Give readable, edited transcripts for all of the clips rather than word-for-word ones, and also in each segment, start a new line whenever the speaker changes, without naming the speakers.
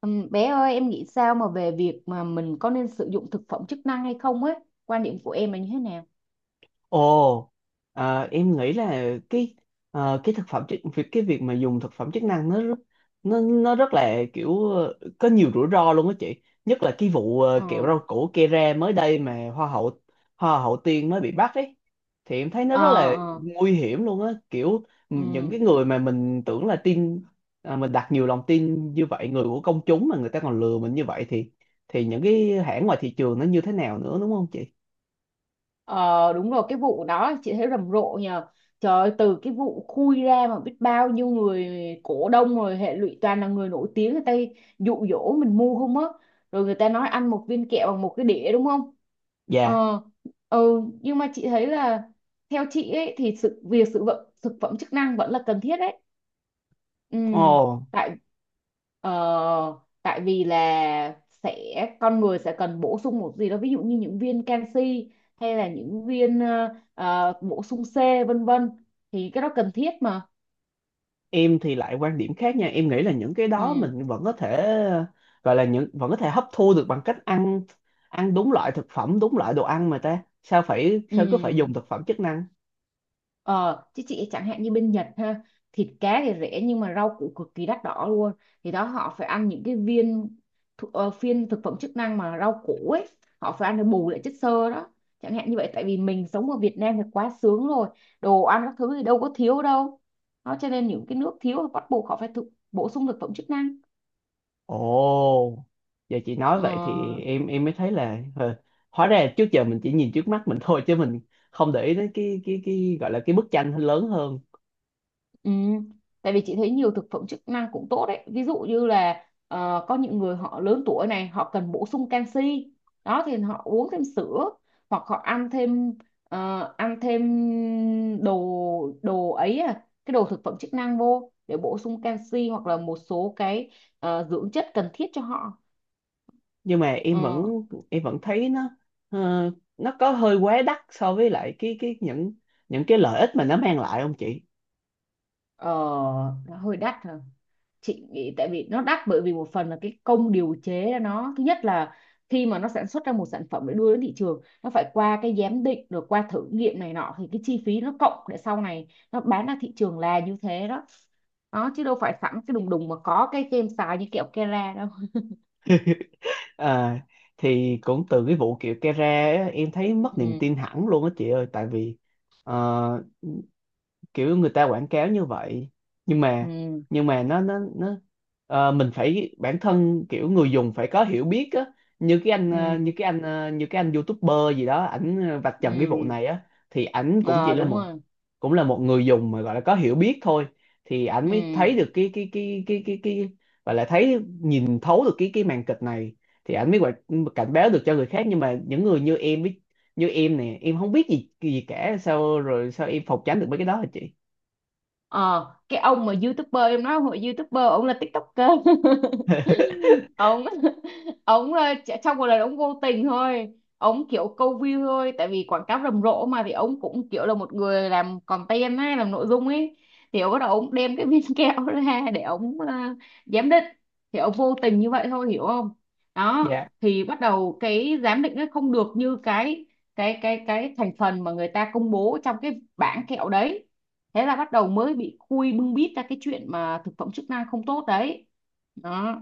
Bé ơi, em nghĩ sao mà về việc mà mình có nên sử dụng thực phẩm chức năng hay không ấy, quan điểm của em là như thế nào?
Ồ, em nghĩ là cái việc mà dùng thực phẩm chức năng nó rất là có nhiều rủi ro luôn á chị. Nhất là cái vụ
ờ
kẹo rau củ Kera mới đây mà hoa hậu Tiên mới bị bắt ấy. Thì em thấy nó
ờ
rất là
ờ
nguy hiểm luôn á, kiểu những cái
ừm.
người mà mình tưởng là mình đặt nhiều lòng tin như vậy, người của công chúng mà người ta còn lừa mình như vậy thì những cái hãng ngoài thị trường nó như thế nào nữa đúng không chị?
Ờ, đúng rồi, cái vụ đó chị thấy rầm rộ nhờ. Trời ơi, từ cái vụ khui ra mà biết bao nhiêu người cổ đông rồi hệ lụy, toàn là người nổi tiếng người ta dụ dỗ mình mua không á. Rồi người ta nói ăn một viên kẹo bằng một cái đĩa đúng không?
Dạ.
ờ ừ, nhưng mà chị thấy là theo chị ấy thì sự việc sử dụng thực phẩm chức năng vẫn là cần thiết đấy. Ừ,
Ồ.
tại ờ, tại vì là sẽ con người sẽ cần bổ sung một gì đó, ví dụ như những viên canxi hay là những viên bổ sung C vân vân, thì cái đó cần thiết mà.
Em thì lại quan điểm khác nha, em nghĩ là những cái đó
ừ,
mình vẫn có thể gọi là những vẫn có thể hấp thu được bằng cách ăn ăn đúng loại thực phẩm đúng loại đồ ăn, mà ta sao phải sao cứ phải
ừ.
dùng thực phẩm chức năng.
Ờ, chứ chị chẳng hạn như bên Nhật ha, thịt cá thì rẻ nhưng mà rau củ cực kỳ đắt đỏ luôn. Thì đó họ phải ăn những cái viên phiên thực phẩm chức năng mà rau củ ấy, họ phải ăn để bù lại chất xơ đó. Chẳng hạn như vậy, tại vì mình sống ở Việt Nam thì quá sướng rồi, đồ ăn các thứ thì đâu có thiếu đâu. Đó cho nên những cái nước thiếu thì bắt buộc họ phải bổ sung thực phẩm chức năng.
Ồ, giờ chị nói
Ờ,
vậy thì em mới thấy là hóa ra trước giờ mình chỉ nhìn trước mắt mình thôi, chứ mình không để ý đến cái gọi là cái bức tranh lớn hơn.
ừ. Tại vì chị thấy nhiều thực phẩm chức năng cũng tốt đấy. Ví dụ như là có những người họ lớn tuổi này, họ cần bổ sung canxi. Đó thì họ uống thêm sữa hoặc họ ăn thêm ăn thêm đồ đồ ấy à, cái đồ thực phẩm chức năng vô để bổ sung canxi hoặc là một số cái dưỡng chất cần thiết cho họ.
Nhưng mà
Ờ,
em vẫn thấy ờ, nó có hơi quá đắt so với lại cái những cái lợi ích mà nó mang lại không chị?
ờ, nó hơi đắt hả? Chị nghĩ tại vì nó đắt bởi vì một phần là cái công điều chế nó, thứ nhất là khi mà nó sản xuất ra một sản phẩm để đưa đến thị trường, nó phải qua cái giám định rồi qua thử nghiệm này nọ, thì cái chi phí nó cộng để sau này nó bán ra thị trường là như thế đó. Đó chứ đâu phải sẵn cái đùng đùng mà có cái kem xài như kẹo Kera đâu.
à, thì cũng từ cái vụ kiểu Kera á, em thấy mất niềm
ừ
tin hẳn luôn á chị ơi. Tại vì ờ, kiểu người ta quảng cáo như vậy, nhưng mà
ừ
nhưng mà nó nó nó mình phải bản thân kiểu người dùng phải có hiểu biết á. Như
ừ
như cái anh YouTuber gì đó, vạch trần cái vụ
ừ
này á. Thì ảnh cũng chỉ
ờ,
là
đúng rồi.
cũng là một người dùng mà gọi là có hiểu biết thôi, thì ảnh mới
ừ
thấy được cái và lại thấy nhìn thấu được cái màn kịch này, thì ảnh mới cảnh báo được cho người khác. Nhưng mà những người như em nè, em không biết gì gì cả, sao rồi sao em phòng tránh được mấy cái đó hả chị?
ờ, cái ông mà youtuber em nói, ông là youtuber, ông là tiktoker. ông ông trong một lần ông vô tình thôi, ông kiểu câu view thôi, tại vì quảng cáo rầm rộ mà, thì ông cũng kiểu là một người làm content ấy, làm nội dung ấy. Thì ông bắt đầu ông đem cái viên kẹo ra để ông giám định. Thì ông vô tình như vậy thôi, hiểu không? Đó,
Dạ.
thì bắt đầu cái giám định nó không được như cái thành phần mà người ta công bố trong cái bảng kẹo đấy. Thế là bắt đầu mới bị khui bưng bít ra cái chuyện mà thực phẩm chức năng không tốt đấy. Đó.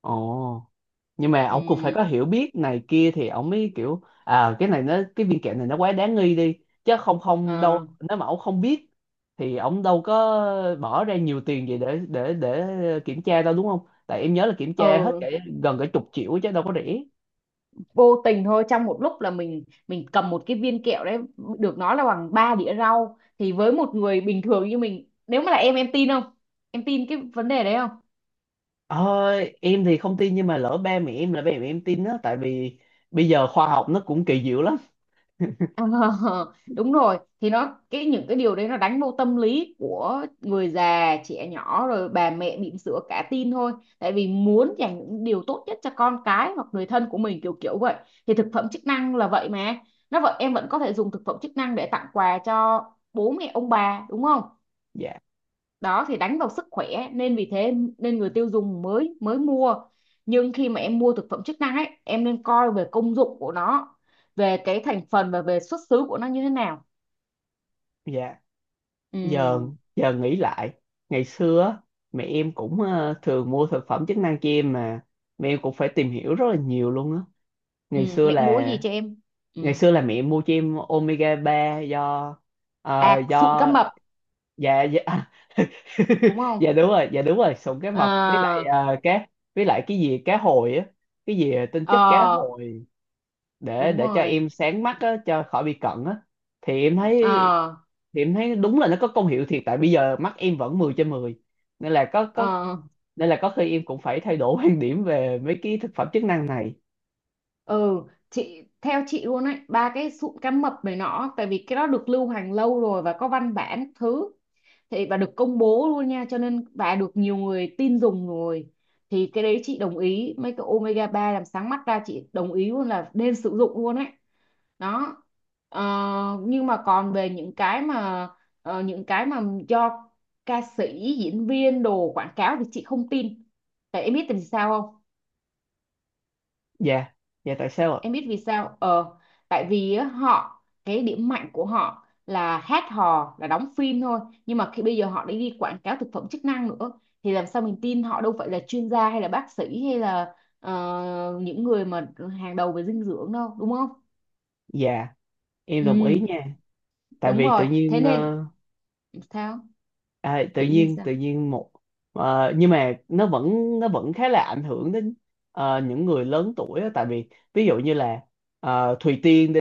Ồ, nhưng mà ông cũng phải
ừ.
có hiểu biết này kia thì ông mới kiểu à, cái này cái viên kẹo này nó quá đáng nghi đi, chứ không không đâu.
ờ,
Nếu mà ông không biết thì ông đâu có bỏ ra nhiều tiền gì để kiểm tra đâu đúng không? Tại em nhớ là kiểm tra hết
ờ,
gần cả chục triệu chứ đâu có rẻ.
Vô tình thôi, trong một lúc là mình cầm một cái viên kẹo đấy được nói là bằng ba đĩa rau, thì với một người bình thường như mình, nếu mà là em tin không? Em tin cái vấn đề đấy không?
Ờ, em thì không tin, nhưng mà lỡ ba mẹ em tin á, tại vì bây giờ khoa học nó cũng kỳ diệu lắm.
Ờ, đúng rồi, thì nó cái những cái điều đấy nó đánh vô tâm lý của người già, trẻ nhỏ rồi bà mẹ bỉm sữa cả tin thôi, tại vì muốn dành những điều tốt nhất cho con cái hoặc người thân của mình, kiểu kiểu vậy. Thì thực phẩm chức năng là vậy mà, nó vậy em vẫn có thể dùng thực phẩm chức năng để tặng quà cho bố mẹ ông bà đúng không?
Dạ.
Đó thì đánh vào sức khỏe nên vì thế nên người tiêu dùng mới mới mua. Nhưng khi mà em mua thực phẩm chức năng ấy, em nên coi về công dụng của nó, về cái thành phần và về xuất xứ của nó như thế nào.
Dạ, giờ
ừ,
giờ nghĩ lại ngày xưa á, mẹ em cũng thường mua thực phẩm chức năng cho em mà, mẹ em cũng phải tìm hiểu rất là nhiều luôn á.
ừ.
ngày xưa
Mẹ mua
là
gì cho em?
Ngày
ừ.
xưa là mẹ em mua cho em omega ba,
À, sụn
do
cá mập
dạ. Dạ
đúng không?
dạ đúng rồi, dạ đúng rồi, sụn cá
ờ
mập với lại ờ, cá với lại cái gì cá hồi á, cái gì tinh chất cá
ờ
hồi để
Đúng
cho
rồi.
em sáng mắt á, cho khỏi bị cận á. thì em thấy
ờ
thì em thấy đúng là nó có công hiệu thiệt, tại bây giờ mắt em vẫn 10 trên 10. nên là có có
ờ
Nên là có khi em cũng phải thay đổi quan điểm về mấy cái thực phẩm chức năng này.
ừ chị theo chị luôn ấy, ba cái sụn cá mập này nọ, tại vì cái đó được lưu hành lâu rồi và có văn bản các thứ, thì và được công bố luôn nha, cho nên và được nhiều người tin dùng rồi. Thì cái đấy chị đồng ý, mấy cái omega 3 làm sáng mắt ra chị đồng ý luôn, là nên sử dụng luôn ấy. Đó. Ờ, nhưng mà còn về những cái mà những cái mà do ca sĩ, diễn viên đồ quảng cáo thì chị không tin. Tại em biết tại vì sao không?
Dạ. Dạ, tại sao ạ?
Em biết vì sao? Ờ, tại vì á, họ cái điểm mạnh của họ là hát hò, là đóng phim thôi, nhưng mà khi bây giờ họ đã đi quảng cáo thực phẩm chức năng nữa thì làm sao mình tin, họ đâu phải là chuyên gia hay là bác sĩ hay là những người mà hàng đầu về dinh dưỡng đâu đúng không?
Dạ, em đồng ý
Ừ,
nha. Tại
đúng
vì tự
rồi thế
nhiên
nên sao, tự nhiên sao?
tự nhiên một nhưng mà nó vẫn khá là ảnh hưởng đến những người lớn tuổi á. Tại vì ví dụ như là Thùy Tiên đi,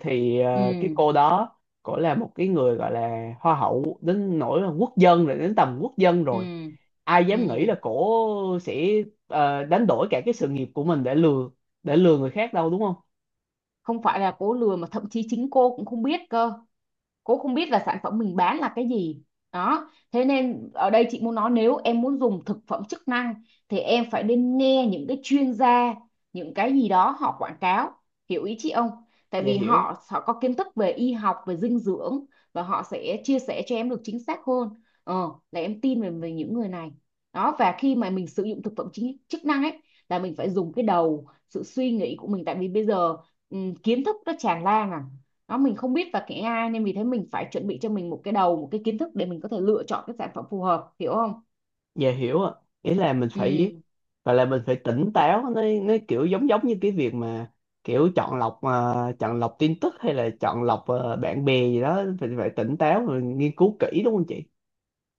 thì cái
Ừ
cô đó, cổ là một cái người gọi là hoa hậu đến nỗi là quốc dân rồi đến tầm quốc dân
ừ
rồi, ai
ừ
dám nghĩ là cổ sẽ đánh đổi cả cái sự nghiệp của mình để lừa người khác đâu, đúng không?
Không phải là cố lừa mà thậm chí chính cô cũng không biết cơ, cô không biết là sản phẩm mình bán là cái gì. Đó thế nên ở đây chị muốn nói, nếu em muốn dùng thực phẩm chức năng thì em phải nên nghe những cái chuyên gia, những cái gì đó họ quảng cáo, hiểu ý chị không? Tại
Dạ
vì
hiểu.
họ họ có kiến thức về y học, về dinh dưỡng và họ sẽ chia sẻ cho em được chính xác hơn. ờ, là em tin về, về những người này. Đó, và khi mà mình sử dụng thực phẩm chức năng ấy là mình phải dùng cái đầu, sự suy nghĩ của mình, tại vì bây giờ ừ, kiến thức nó tràn lan à. Đó mình không biết và cái AI, nên vì thế mình phải chuẩn bị cho mình một cái đầu, một cái kiến thức để mình có thể lựa chọn cái sản phẩm phù hợp, hiểu không?
Dạ hiểu ạ. Nghĩa là mình phải
ừ
gọi là mình phải tỉnh táo, nó kiểu giống giống như cái việc mà kiểu chọn lọc tin tức, hay là chọn lọc bạn bè gì đó, phải phải tỉnh táo rồi nghiên cứu kỹ đúng không chị?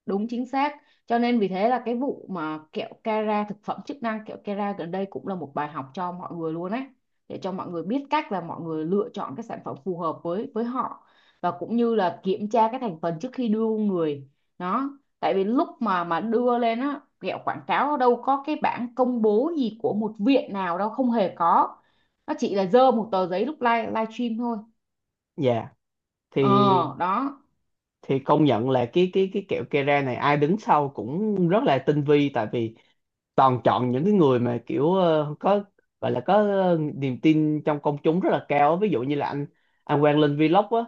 Đúng chính xác. Cho nên vì thế là cái vụ mà kẹo Kera, thực phẩm chức năng kẹo Kera gần đây cũng là một bài học cho mọi người luôn ấy. Để cho mọi người biết cách là mọi người lựa chọn cái sản phẩm phù hợp với họ, và cũng như là kiểm tra cái thành phần trước khi đưa vô người. Đó. Tại vì lúc mà đưa lên á, kẹo quảng cáo đâu có cái bảng công bố gì của một viện nào đâu, không hề có. Nó chỉ là dơ một tờ giấy lúc live livestream thôi.
Dạ. thì
Ờ đó.
thì công nhận là cái kẹo Kera này ai đứng sau cũng rất là tinh vi, tại vì toàn chọn những cái người mà kiểu ờ, có gọi là có ờ, niềm tin trong công chúng rất là cao á. Ví dụ như là anh Quang Linh Vlog á,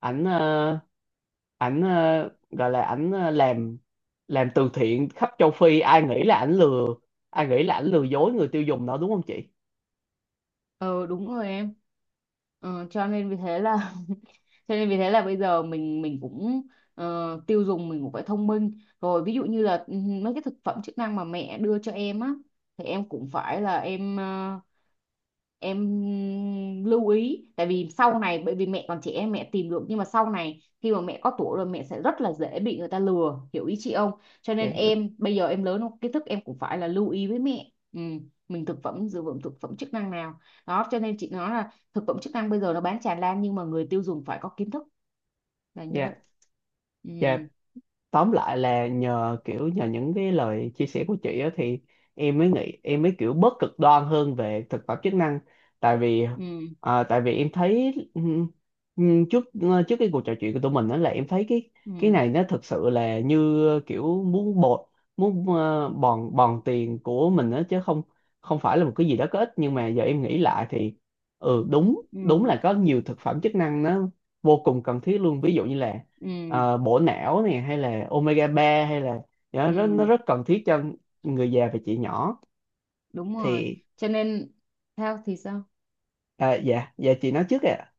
ảnh ờ, ảnh ờ, gọi là ảnh ờ, làm từ thiện khắp châu Phi, ai nghĩ là ảnh ai nghĩ là ảnh lừa dối người tiêu dùng đó, đúng không chị?
Ờ đúng rồi em. Ờ, cho nên vì thế là cho nên vì thế là bây giờ mình cũng tiêu dùng mình cũng phải thông minh rồi, ví dụ như là ừ, mấy cái thực phẩm chức năng mà mẹ đưa cho em á, thì em cũng phải là em em lưu ý, tại vì sau này bởi vì mẹ còn trẻ em mẹ tìm được, nhưng mà sau này khi mà mẹ có tuổi rồi mẹ sẽ rất là dễ bị người ta lừa, hiểu ý chị không? Cho
Dạ
nên
hiểu.
em bây giờ em lớn rồi, kiến thức em cũng phải là lưu ý với mẹ ừ. Mình thực phẩm sử dụng thực phẩm chức năng nào. Đó cho nên chị nói là thực phẩm chức năng bây giờ nó bán tràn lan, nhưng mà người tiêu dùng phải có kiến thức là như vậy.
Dạ.
ừ
Dạ, tóm lại là nhờ nhờ những cái lời chia sẻ của chị á, thì em mới nghĩ em mới kiểu bớt cực đoan hơn về thực phẩm chức năng. Tại vì
ừ
tại vì em thấy trước cái cuộc trò chuyện của tụi mình đó, là em thấy cái
ừ
này nó thực sự là như kiểu muốn bột muốn ờ, bòn bòn tiền của mình đó, chứ không không phải là một cái gì đó có ích. Nhưng mà giờ em nghĩ lại thì ừ, đúng đúng
ừ
là có nhiều thực phẩm chức năng nó vô cùng cần thiết luôn. Ví dụ như là
ừ
bổ não này, hay là omega ba, hay là dạ, nó
ừ
rất cần thiết cho người già và chị nhỏ.
Đúng rồi,
Thì
cho nên theo thì sao?
à, dạ dạ, chị nói trước ạ.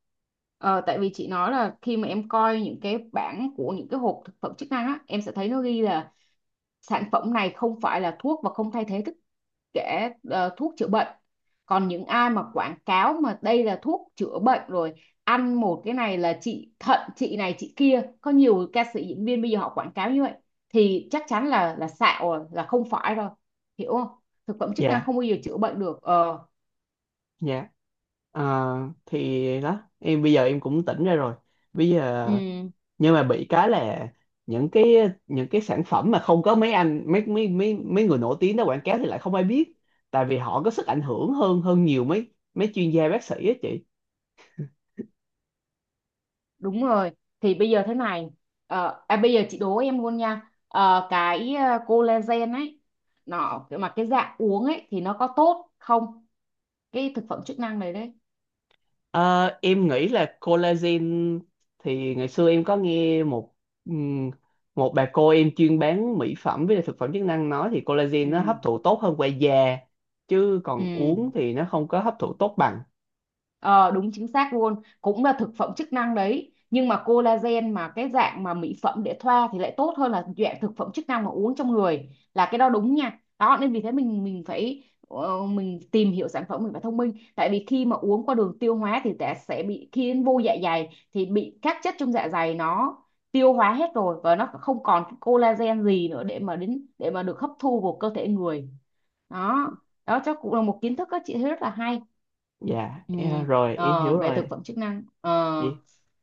Ờ, tại vì chị nói là khi mà em coi những cái bảng của những cái hộp thực phẩm chức năng á, em sẽ thấy nó ghi là sản phẩm này không phải là thuốc và không thay thế thức để thuốc chữa bệnh. Còn những ai mà quảng cáo mà đây là thuốc chữa bệnh rồi, ăn một cái này là trị thận chị này chị kia, có nhiều ca sĩ diễn viên bây giờ họ quảng cáo như vậy thì chắc chắn là xạo rồi, là không phải rồi, hiểu không? Thực phẩm chức năng
Dạ.
không bao giờ chữa bệnh được. Ờ
Dạ. Ờ, thì đó, em bây giờ em cũng tỉnh ra rồi. Bây giờ
ừ,
Nhưng mà bị cái là những cái những cái sản phẩm mà không có mấy anh mấy mấy mấy mấy người nổi tiếng đó quảng cáo thì lại không ai biết, tại vì họ có sức ảnh hưởng hơn hơn nhiều mấy mấy chuyên gia bác sĩ á chị.
Đúng rồi, thì bây giờ thế này. Bây giờ chị đố em luôn nha. Ờ, cái collagen ấy, nó mà cái dạng uống ấy thì nó có tốt không, cái thực phẩm chức năng này đấy?
Ờ, em nghĩ là collagen thì ngày xưa em có nghe một ừm, một bà cô em chuyên bán mỹ phẩm với lại thực phẩm chức năng nói, thì collagen nó hấp
ừ
thụ tốt hơn qua da, chứ còn
Ừ,
uống thì nó không có hấp thụ tốt bằng.
ờ, đúng chính xác luôn, cũng là thực phẩm chức năng đấy, nhưng mà collagen mà cái dạng mà mỹ phẩm để thoa thì lại tốt hơn là dạng thực phẩm chức năng mà uống trong người, là cái đó đúng nha. Đó nên vì thế mình phải mình tìm hiểu sản phẩm, mình phải thông minh. Tại vì khi mà uống qua đường tiêu hóa thì ta sẽ bị, khi đến vô dạ dày thì bị các chất trong dạ dày nó tiêu hóa hết rồi, và nó không còn cái collagen gì nữa để mà đến để mà được hấp thu vào cơ thể người. Đó, đó chắc cũng là một kiến thức các chị thấy rất là hay.
Dạ,
Ừ.
rồi em
Ờ,
hiểu
về thực
rồi.
phẩm chức năng. Ờ,
Vậy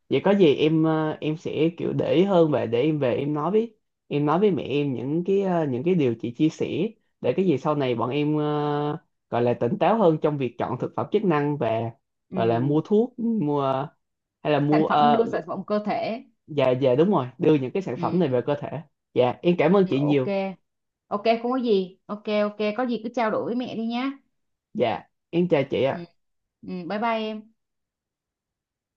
Vậy có gì em em sẽ kiểu để ý hơn, và để em về em nói với mẹ em những cái điều chị chia sẻ, để cái gì sau này bọn em gọi là tỉnh táo hơn trong việc chọn thực phẩm chức năng, và gọi là
ừ.
mua thuốc mua hay là
Sản
mua
phẩm đưa
ờ,
sản phẩm cơ thể.
dạ dạ đúng rồi, đưa những cái sản phẩm này
Ừ.
về cơ thể. Dạ em cảm ơn chị
Ok,
nhiều.
ok không có gì, ok ok có gì cứ trao đổi với mẹ đi nhá.
Dạ em chào chị
Ừ.
ạ.
Ừ. Bye bye em.